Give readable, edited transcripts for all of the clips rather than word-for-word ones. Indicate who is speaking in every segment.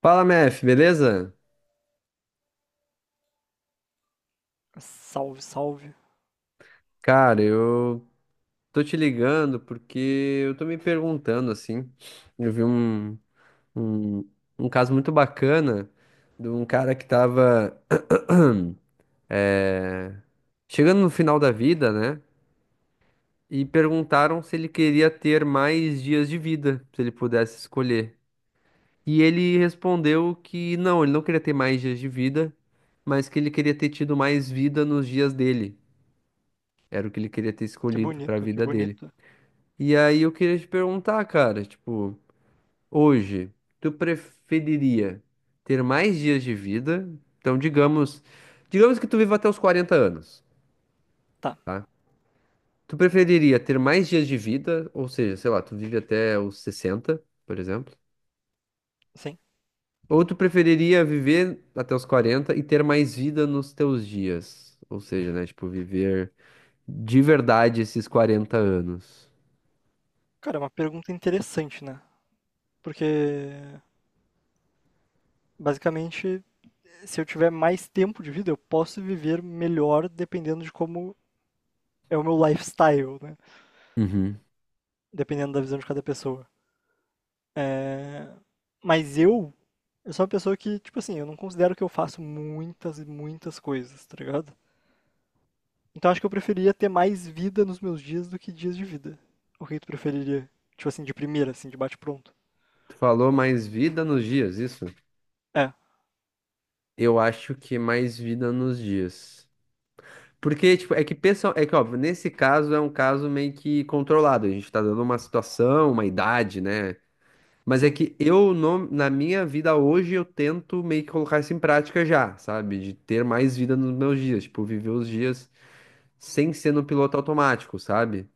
Speaker 1: Fala, Mef, beleza?
Speaker 2: Salve, salve.
Speaker 1: Cara, eu tô te ligando porque eu tô me perguntando assim. Eu vi um, um caso muito bacana de um cara que tava eh, chegando no final da vida, né? E perguntaram se ele queria ter mais dias de vida, se ele pudesse escolher. E ele respondeu que não, ele não queria ter mais dias de vida, mas que ele queria ter tido mais vida nos dias dele. Era o que ele queria ter
Speaker 2: Que
Speaker 1: escolhido para a
Speaker 2: bonito, que
Speaker 1: vida dele.
Speaker 2: bonito.
Speaker 1: E aí eu queria te perguntar, cara, tipo, hoje, tu preferiria ter mais dias de vida? Então, digamos que tu viva até os 40 anos,
Speaker 2: Tá,
Speaker 1: tá? Tu preferiria ter mais dias de vida, ou seja, sei lá, tu vive até os 60, por exemplo?
Speaker 2: sim.
Speaker 1: Ou tu preferiria viver até os 40 e ter mais vida nos teus dias? Ou seja, né, tipo, viver de verdade esses 40 anos.
Speaker 2: Cara, é uma pergunta interessante, né? Porque, basicamente, se eu tiver mais tempo de vida, eu posso viver melhor dependendo de como é o meu lifestyle, né?
Speaker 1: Uhum.
Speaker 2: Dependendo da visão de cada pessoa. Mas eu sou uma pessoa que, tipo assim, eu não considero que eu faço muitas e muitas coisas, tá ligado? Então acho que eu preferia ter mais vida nos meus dias do que dias de vida. O que tu preferiria? Tipo assim, de primeira, assim, de bate-pronto.
Speaker 1: Tu falou mais vida nos dias, isso?
Speaker 2: É,
Speaker 1: Eu acho que mais vida nos dias. Porque, tipo, é que pessoal, é que, óbvio, nesse caso é um caso meio que controlado. A gente tá dando uma situação, uma idade, né? Mas é
Speaker 2: sim,
Speaker 1: que eu, na minha vida hoje, eu tento meio que colocar isso em prática já, sabe? De ter mais vida nos meus dias. Tipo, viver os dias sem ser no piloto automático, sabe?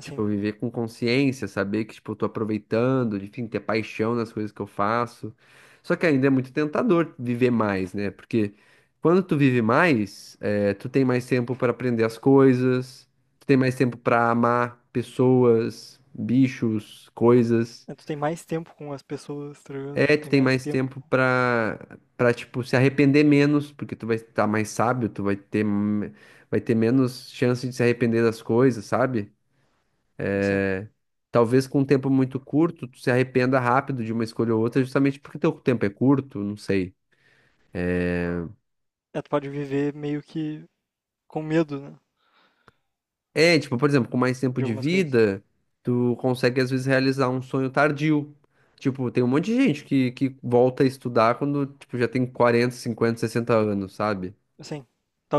Speaker 1: Tipo,
Speaker 2: sim.
Speaker 1: viver com consciência, saber que, tipo, eu tô aproveitando, enfim, ter paixão nas coisas que eu faço. Só que ainda é muito tentador viver mais, né? Porque quando tu vive mais, tu tem mais tempo para aprender as coisas, tu tem mais tempo para amar pessoas, bichos, coisas.
Speaker 2: É, tu tem mais tempo com as pessoas, tá ligado?
Speaker 1: É, tu
Speaker 2: Tem
Speaker 1: tem
Speaker 2: mais
Speaker 1: mais
Speaker 2: tempo,
Speaker 1: tempo tipo, se arrepender menos, porque tu vai estar mais sábio, tu vai vai ter menos chance de se arrepender das coisas, sabe?
Speaker 2: assim.
Speaker 1: Talvez com um tempo muito curto, tu se arrependa rápido de uma escolha ou outra, justamente porque teu tempo é curto, não sei.
Speaker 2: É, tu pode viver meio que com medo, né?
Speaker 1: É, tipo, por exemplo, com mais tempo
Speaker 2: De
Speaker 1: de
Speaker 2: algumas coisas.
Speaker 1: vida, tu consegue às vezes realizar um sonho tardio. Tipo, tem um monte de gente que volta a estudar quando, tipo, já tem 40 50 60 anos, sabe?
Speaker 2: Assim,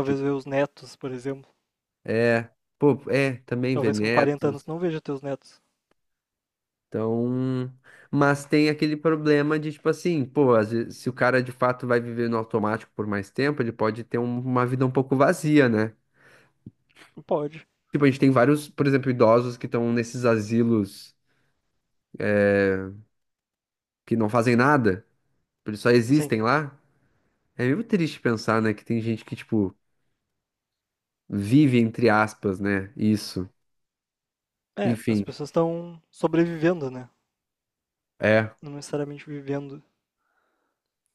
Speaker 1: Tipo,
Speaker 2: ver os netos, por exemplo.
Speaker 1: é, também
Speaker 2: Talvez com 40
Speaker 1: Venetos.
Speaker 2: anos tu não veja teus netos.
Speaker 1: Então, mas tem aquele problema de, tipo assim, pô, às vezes, se o cara de fato vai viver no automático por mais tempo, ele pode ter uma vida um pouco vazia, né?
Speaker 2: Não pode.
Speaker 1: Tipo, a gente tem vários, por exemplo, idosos que estão nesses asilos que não fazem nada, tipo, eles só
Speaker 2: Assim,
Speaker 1: existem lá. É meio triste pensar, né, que tem gente que, tipo, vive, entre aspas, né, isso.
Speaker 2: é, as
Speaker 1: Enfim,
Speaker 2: pessoas estão sobrevivendo, né?
Speaker 1: é.
Speaker 2: Não necessariamente vivendo.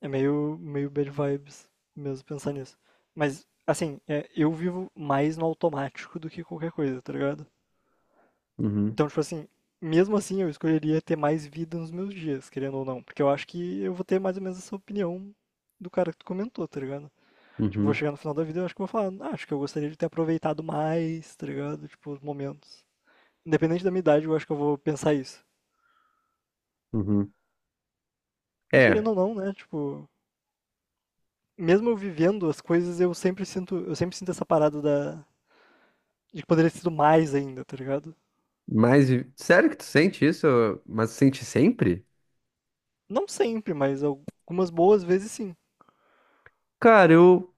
Speaker 2: É meio, meio bad vibes mesmo pensar nisso. Mas, assim, é, eu vivo mais no automático do que qualquer coisa, tá ligado?
Speaker 1: Uhum,
Speaker 2: Então, tipo assim, mesmo assim eu escolheria ter mais vida nos meus dias, querendo ou não. Porque eu acho que eu vou ter mais ou menos essa opinião do cara que tu comentou, tá ligado? Tipo, vou
Speaker 1: uhum,
Speaker 2: chegar no final da vida e eu acho que vou falar, ah, acho que eu gostaria de ter aproveitado mais, tá ligado? Tipo, os momentos. Independente da minha idade, eu acho que eu vou pensar isso.
Speaker 1: uhum.
Speaker 2: Porque
Speaker 1: É,
Speaker 2: querendo ou não, né? Tipo, mesmo eu vivendo as coisas, eu sempre sinto essa parada da de que poderia ter sido mais ainda, tá ligado?
Speaker 1: mas sério que tu sente isso? Mas sente sempre?
Speaker 2: Não sempre, mas algumas boas vezes sim.
Speaker 1: Cara,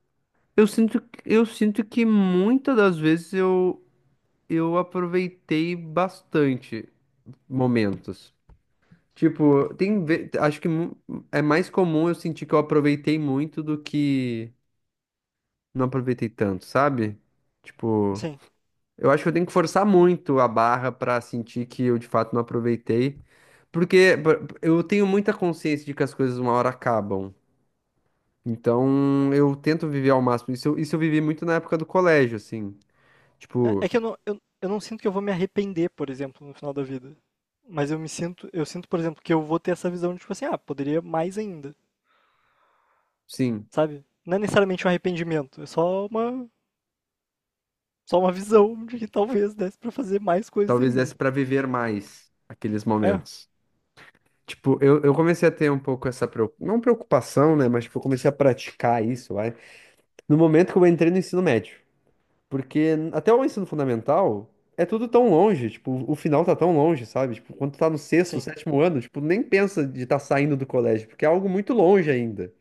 Speaker 1: eu sinto, eu sinto que muitas das vezes eu aproveitei bastante momentos. Tipo, tem, ve- acho que mu- é mais comum eu sentir que eu aproveitei muito do que não aproveitei tanto, sabe? Tipo,
Speaker 2: Sim.
Speaker 1: eu acho que eu tenho que forçar muito a barra pra sentir que eu de fato não aproveitei, porque eu tenho muita consciência de que as coisas uma hora acabam. Então, eu tento viver ao máximo. Isso, isso eu vivi muito na época do colégio, assim.
Speaker 2: É
Speaker 1: Tipo,
Speaker 2: é que eu não sinto que eu vou me arrepender, por exemplo, no final da vida. Mas eu sinto, por exemplo, que eu vou ter essa visão de tipo assim, ah, poderia mais ainda,
Speaker 1: sim,
Speaker 2: sabe? Não é necessariamente um arrependimento, é só uma visão de que talvez desse pra fazer mais coisas
Speaker 1: talvez
Speaker 2: ainda.
Speaker 1: desse pra viver mais aqueles
Speaker 2: É,
Speaker 1: momentos. Tipo, eu comecei a ter um pouco essa, não preocupação, né? Mas, tipo, eu comecei a praticar isso, vai. No momento que eu entrei no ensino médio. Porque até o ensino fundamental é tudo tão longe, tipo, o final tá tão longe, sabe? Tipo, quando tu tá no sexto,
Speaker 2: sim,
Speaker 1: sétimo ano, tipo, nem pensa de estar saindo do colégio, porque é algo muito longe ainda.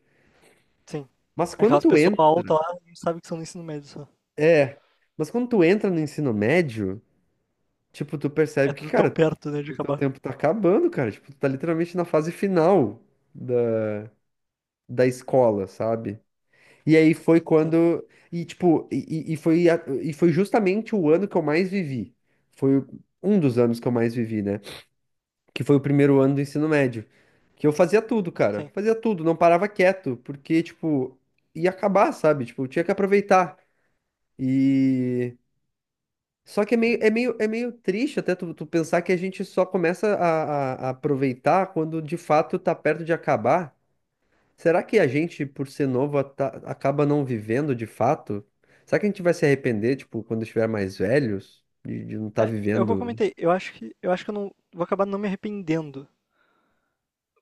Speaker 2: sim.
Speaker 1: Mas quando
Speaker 2: Aquelas
Speaker 1: tu
Speaker 2: pessoas
Speaker 1: entra,
Speaker 2: altas lá não sabem que são no ensino médio só.
Speaker 1: é, mas quando tu entra no ensino médio, tipo, tu
Speaker 2: É
Speaker 1: percebe que,
Speaker 2: tudo tão
Speaker 1: cara,
Speaker 2: perto, né, de
Speaker 1: o teu
Speaker 2: acabar.
Speaker 1: tempo tá acabando, cara. Tipo, tu tá literalmente na fase final da, da escola, sabe? E aí foi
Speaker 2: Sim,
Speaker 1: quando. E, tipo, e foi justamente o ano que eu mais vivi. Foi um dos anos que eu mais vivi, né? Que foi o primeiro ano do ensino médio. Que eu fazia tudo, cara.
Speaker 2: sim.
Speaker 1: Fazia tudo, não parava quieto, porque, tipo, ia acabar, sabe? Tipo, eu tinha que aproveitar. E. Só que é meio triste até tu pensar que a gente só começa a aproveitar quando de fato tá perto de acabar. Será que a gente, por ser novo, acaba não vivendo de fato? Será que a gente vai se arrepender, tipo, quando estiver mais velhos, de não estar
Speaker 2: É, é o que eu
Speaker 1: vivendo?
Speaker 2: comentei, eu acho que eu não vou acabar não me arrependendo.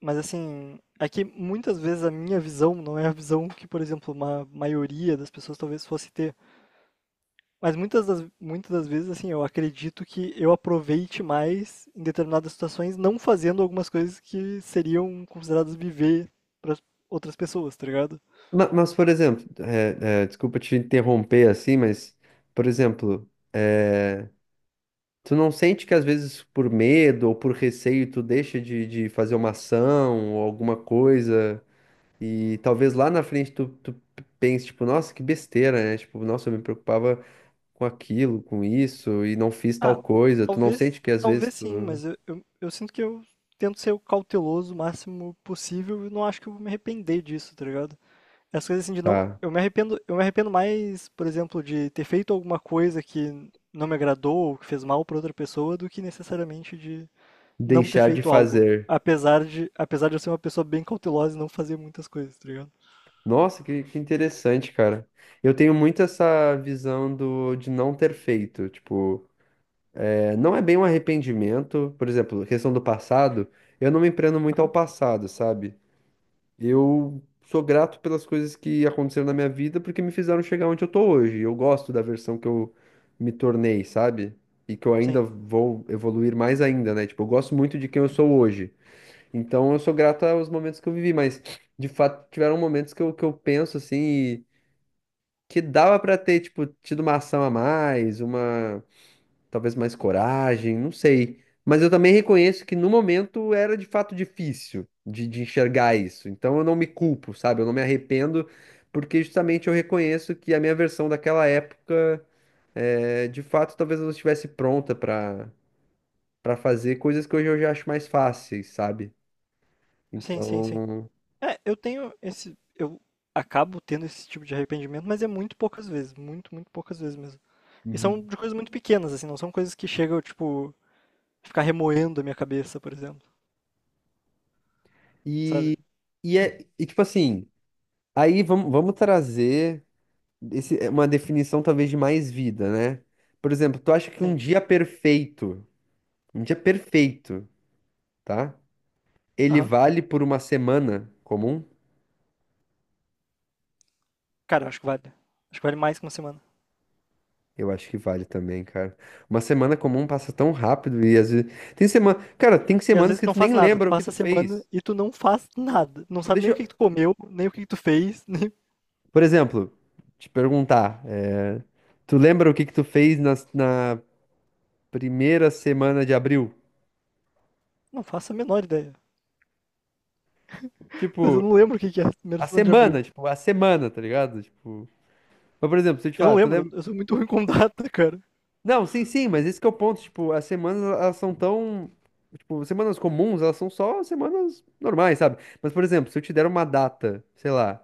Speaker 2: Mas assim, é que muitas vezes a minha visão não é a visão que, por exemplo, uma maioria das pessoas talvez fosse ter. Mas muitas das vezes, assim, eu acredito que eu aproveite mais em determinadas situações, não fazendo algumas coisas que seriam consideradas viver para outras pessoas, tá ligado?
Speaker 1: Mas, por exemplo, desculpa te interromper assim, mas, por exemplo, é, tu não sente que às vezes por medo ou por receio tu deixa de fazer uma ação ou alguma coisa e talvez lá na frente tu pense, tipo, nossa, que besteira, né? Tipo, nossa, eu me preocupava com aquilo, com isso, e não fiz
Speaker 2: Ah,
Speaker 1: tal coisa. Tu não
Speaker 2: talvez,
Speaker 1: sente que às vezes
Speaker 2: talvez sim,
Speaker 1: tu
Speaker 2: mas eu sinto que eu tento ser o cauteloso o máximo possível e não acho que eu vou me arrepender disso, tá ligado? As coisas assim de não.
Speaker 1: tá
Speaker 2: Eu me arrependo mais, por exemplo, de ter feito alguma coisa que não me agradou ou que fez mal para outra pessoa do que necessariamente de não ter
Speaker 1: deixar de
Speaker 2: feito algo.
Speaker 1: fazer.
Speaker 2: Apesar de eu ser uma pessoa bem cautelosa e não fazer muitas coisas, tá ligado?
Speaker 1: Nossa, que interessante, cara. Eu tenho muito essa visão do, de não ter feito. Tipo, é, não é bem um arrependimento. Por exemplo, questão do passado, eu não me prendo muito ao
Speaker 2: Aham.
Speaker 1: passado, sabe? Eu sou grato pelas coisas que aconteceram na minha vida porque me fizeram chegar onde eu tô hoje. Eu gosto da versão que eu me tornei, sabe? E que eu
Speaker 2: Sim,
Speaker 1: ainda vou evoluir mais ainda, né? Tipo, eu gosto muito de quem eu sou hoje. Então eu sou grato aos momentos que eu vivi, mas de fato tiveram momentos que que eu penso assim e que dava pra ter, tipo, tido uma ação a mais, uma talvez mais coragem, não sei. Mas eu também reconheço que no momento era de fato difícil de enxergar isso. Então eu não me culpo, sabe? Eu não me arrependo, porque justamente eu reconheço que a minha versão daquela época, é, de fato, talvez eu não estivesse pronta para fazer coisas que hoje eu já acho mais fáceis, sabe?
Speaker 2: sim, sim,
Speaker 1: Então.
Speaker 2: sim. É, eu tenho esse. Eu acabo tendo esse tipo de arrependimento, mas é muito poucas vezes. Muito, muito poucas vezes mesmo. E são
Speaker 1: Uhum.
Speaker 2: de coisas muito pequenas, assim, não são coisas que chegam, tipo, ficar remoendo a minha cabeça, por exemplo. Sabe?
Speaker 1: E, e tipo assim, vamos trazer. Esse é uma definição talvez de mais vida, né? Por exemplo, tu acha que
Speaker 2: Sim.
Speaker 1: um dia perfeito, tá? Ele
Speaker 2: Aham.
Speaker 1: vale por uma semana comum?
Speaker 2: Cara, eu acho que vale. Acho que vale mais que uma semana.
Speaker 1: Eu acho que vale também, cara. Uma semana comum passa tão rápido e às vezes tem semana, cara, tem
Speaker 2: E às
Speaker 1: semanas
Speaker 2: vezes tu
Speaker 1: que
Speaker 2: não
Speaker 1: tu nem
Speaker 2: faz nada, tu
Speaker 1: lembra o que
Speaker 2: passa
Speaker 1: tu
Speaker 2: a semana
Speaker 1: fez.
Speaker 2: e tu não faz
Speaker 1: Tipo,
Speaker 2: nada. Não
Speaker 1: tipo,
Speaker 2: sabe
Speaker 1: deixa,
Speaker 2: nem o que que tu
Speaker 1: eu-
Speaker 2: comeu, nem o que que tu fez, nem.
Speaker 1: por exemplo, te perguntar, é, tu lembra o que que tu fez na primeira semana de abril?
Speaker 2: Não faço a menor ideia. Mas eu
Speaker 1: Tipo,
Speaker 2: não lembro o que que é a primeira semana de abril.
Speaker 1: a semana, tá ligado? Tipo mas, por exemplo, se eu te
Speaker 2: Eu não
Speaker 1: falar, tu
Speaker 2: lembro,
Speaker 1: lembra...
Speaker 2: eu sou muito ruim com data, cara.
Speaker 1: Não, sim, sim, mas esse que é o ponto, tipo, as semanas, elas são tão... Tipo, semanas comuns, elas são só semanas normais, sabe? Mas, por exemplo, se eu te der uma data, sei lá,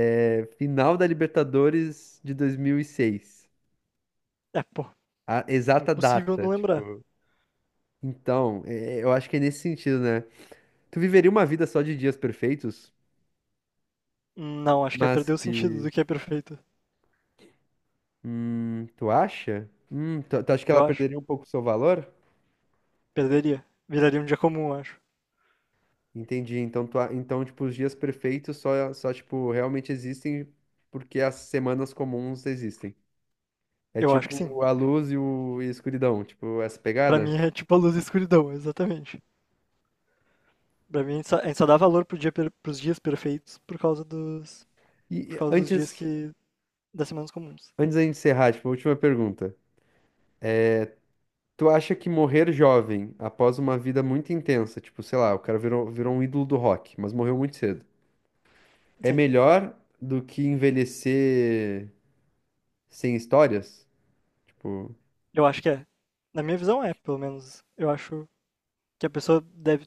Speaker 1: é, final da Libertadores de 2006,
Speaker 2: É, pô,
Speaker 1: a exata
Speaker 2: impossível
Speaker 1: data,
Speaker 2: não lembrar.
Speaker 1: tipo... Então, é, eu acho que é nesse sentido, né? Tu viveria uma vida só de dias perfeitos,
Speaker 2: Não, acho que é
Speaker 1: mas
Speaker 2: perder o sentido
Speaker 1: que...
Speaker 2: do que é perfeito.
Speaker 1: Tu acha? Tu acha que
Speaker 2: Eu
Speaker 1: ela
Speaker 2: acho.
Speaker 1: perderia um pouco o seu valor?
Speaker 2: Perderia. Viraria um dia comum, eu acho.
Speaker 1: Entendi. Então, então, tipo, os dias perfeitos só, tipo, realmente existem porque as semanas comuns existem. É
Speaker 2: Eu acho que sim.
Speaker 1: tipo a luz e a escuridão, tipo, essa
Speaker 2: Pra
Speaker 1: pegada.
Speaker 2: mim é tipo a luz e a escuridão, exatamente. Pra mim a gente só dá valor pro dia per- pros dias perfeitos por causa dos.
Speaker 1: E
Speaker 2: Por
Speaker 1: e
Speaker 2: causa dos dias
Speaker 1: antes,
Speaker 2: que das semanas comuns.
Speaker 1: Antes da gente encerrar, tipo, a última pergunta. Tu acha que morrer jovem, após uma vida muito intensa, tipo, sei lá, o cara virou um ídolo do rock, mas morreu muito cedo, é
Speaker 2: Sim,
Speaker 1: melhor do que envelhecer sem histórias? Tipo,
Speaker 2: eu acho que é. Na minha visão é, pelo menos. Eu acho que a pessoa deve.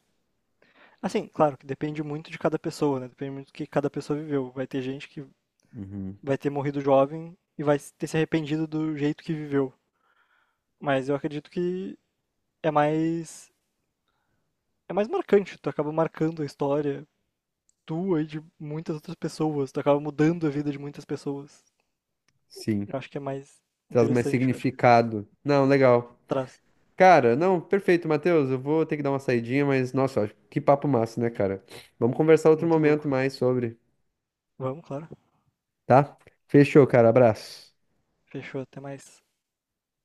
Speaker 2: Assim, claro que depende muito de cada pessoa, né? Depende muito do que cada pessoa viveu. Vai ter gente que
Speaker 1: uhum,
Speaker 2: vai ter morrido jovem e vai ter se arrependido do jeito que viveu. Mas eu acredito que é mais. É mais marcante. Tu acaba marcando a história tua e de muitas outras pessoas. Tu acaba mudando a vida de muitas pessoas.
Speaker 1: sim.
Speaker 2: Eu acho que é mais
Speaker 1: Traz mais
Speaker 2: interessante, eu acho que
Speaker 1: significado. Não, legal.
Speaker 2: traz.
Speaker 1: Cara, não, perfeito, Matheus. Eu vou ter que dar uma saidinha, mas nossa, que papo massa, né, cara? Vamos conversar outro
Speaker 2: Muito
Speaker 1: momento
Speaker 2: louco.
Speaker 1: mais sobre,
Speaker 2: Vamos, claro.
Speaker 1: tá? Fechou, cara. Abraço.
Speaker 2: Fechou, até mais.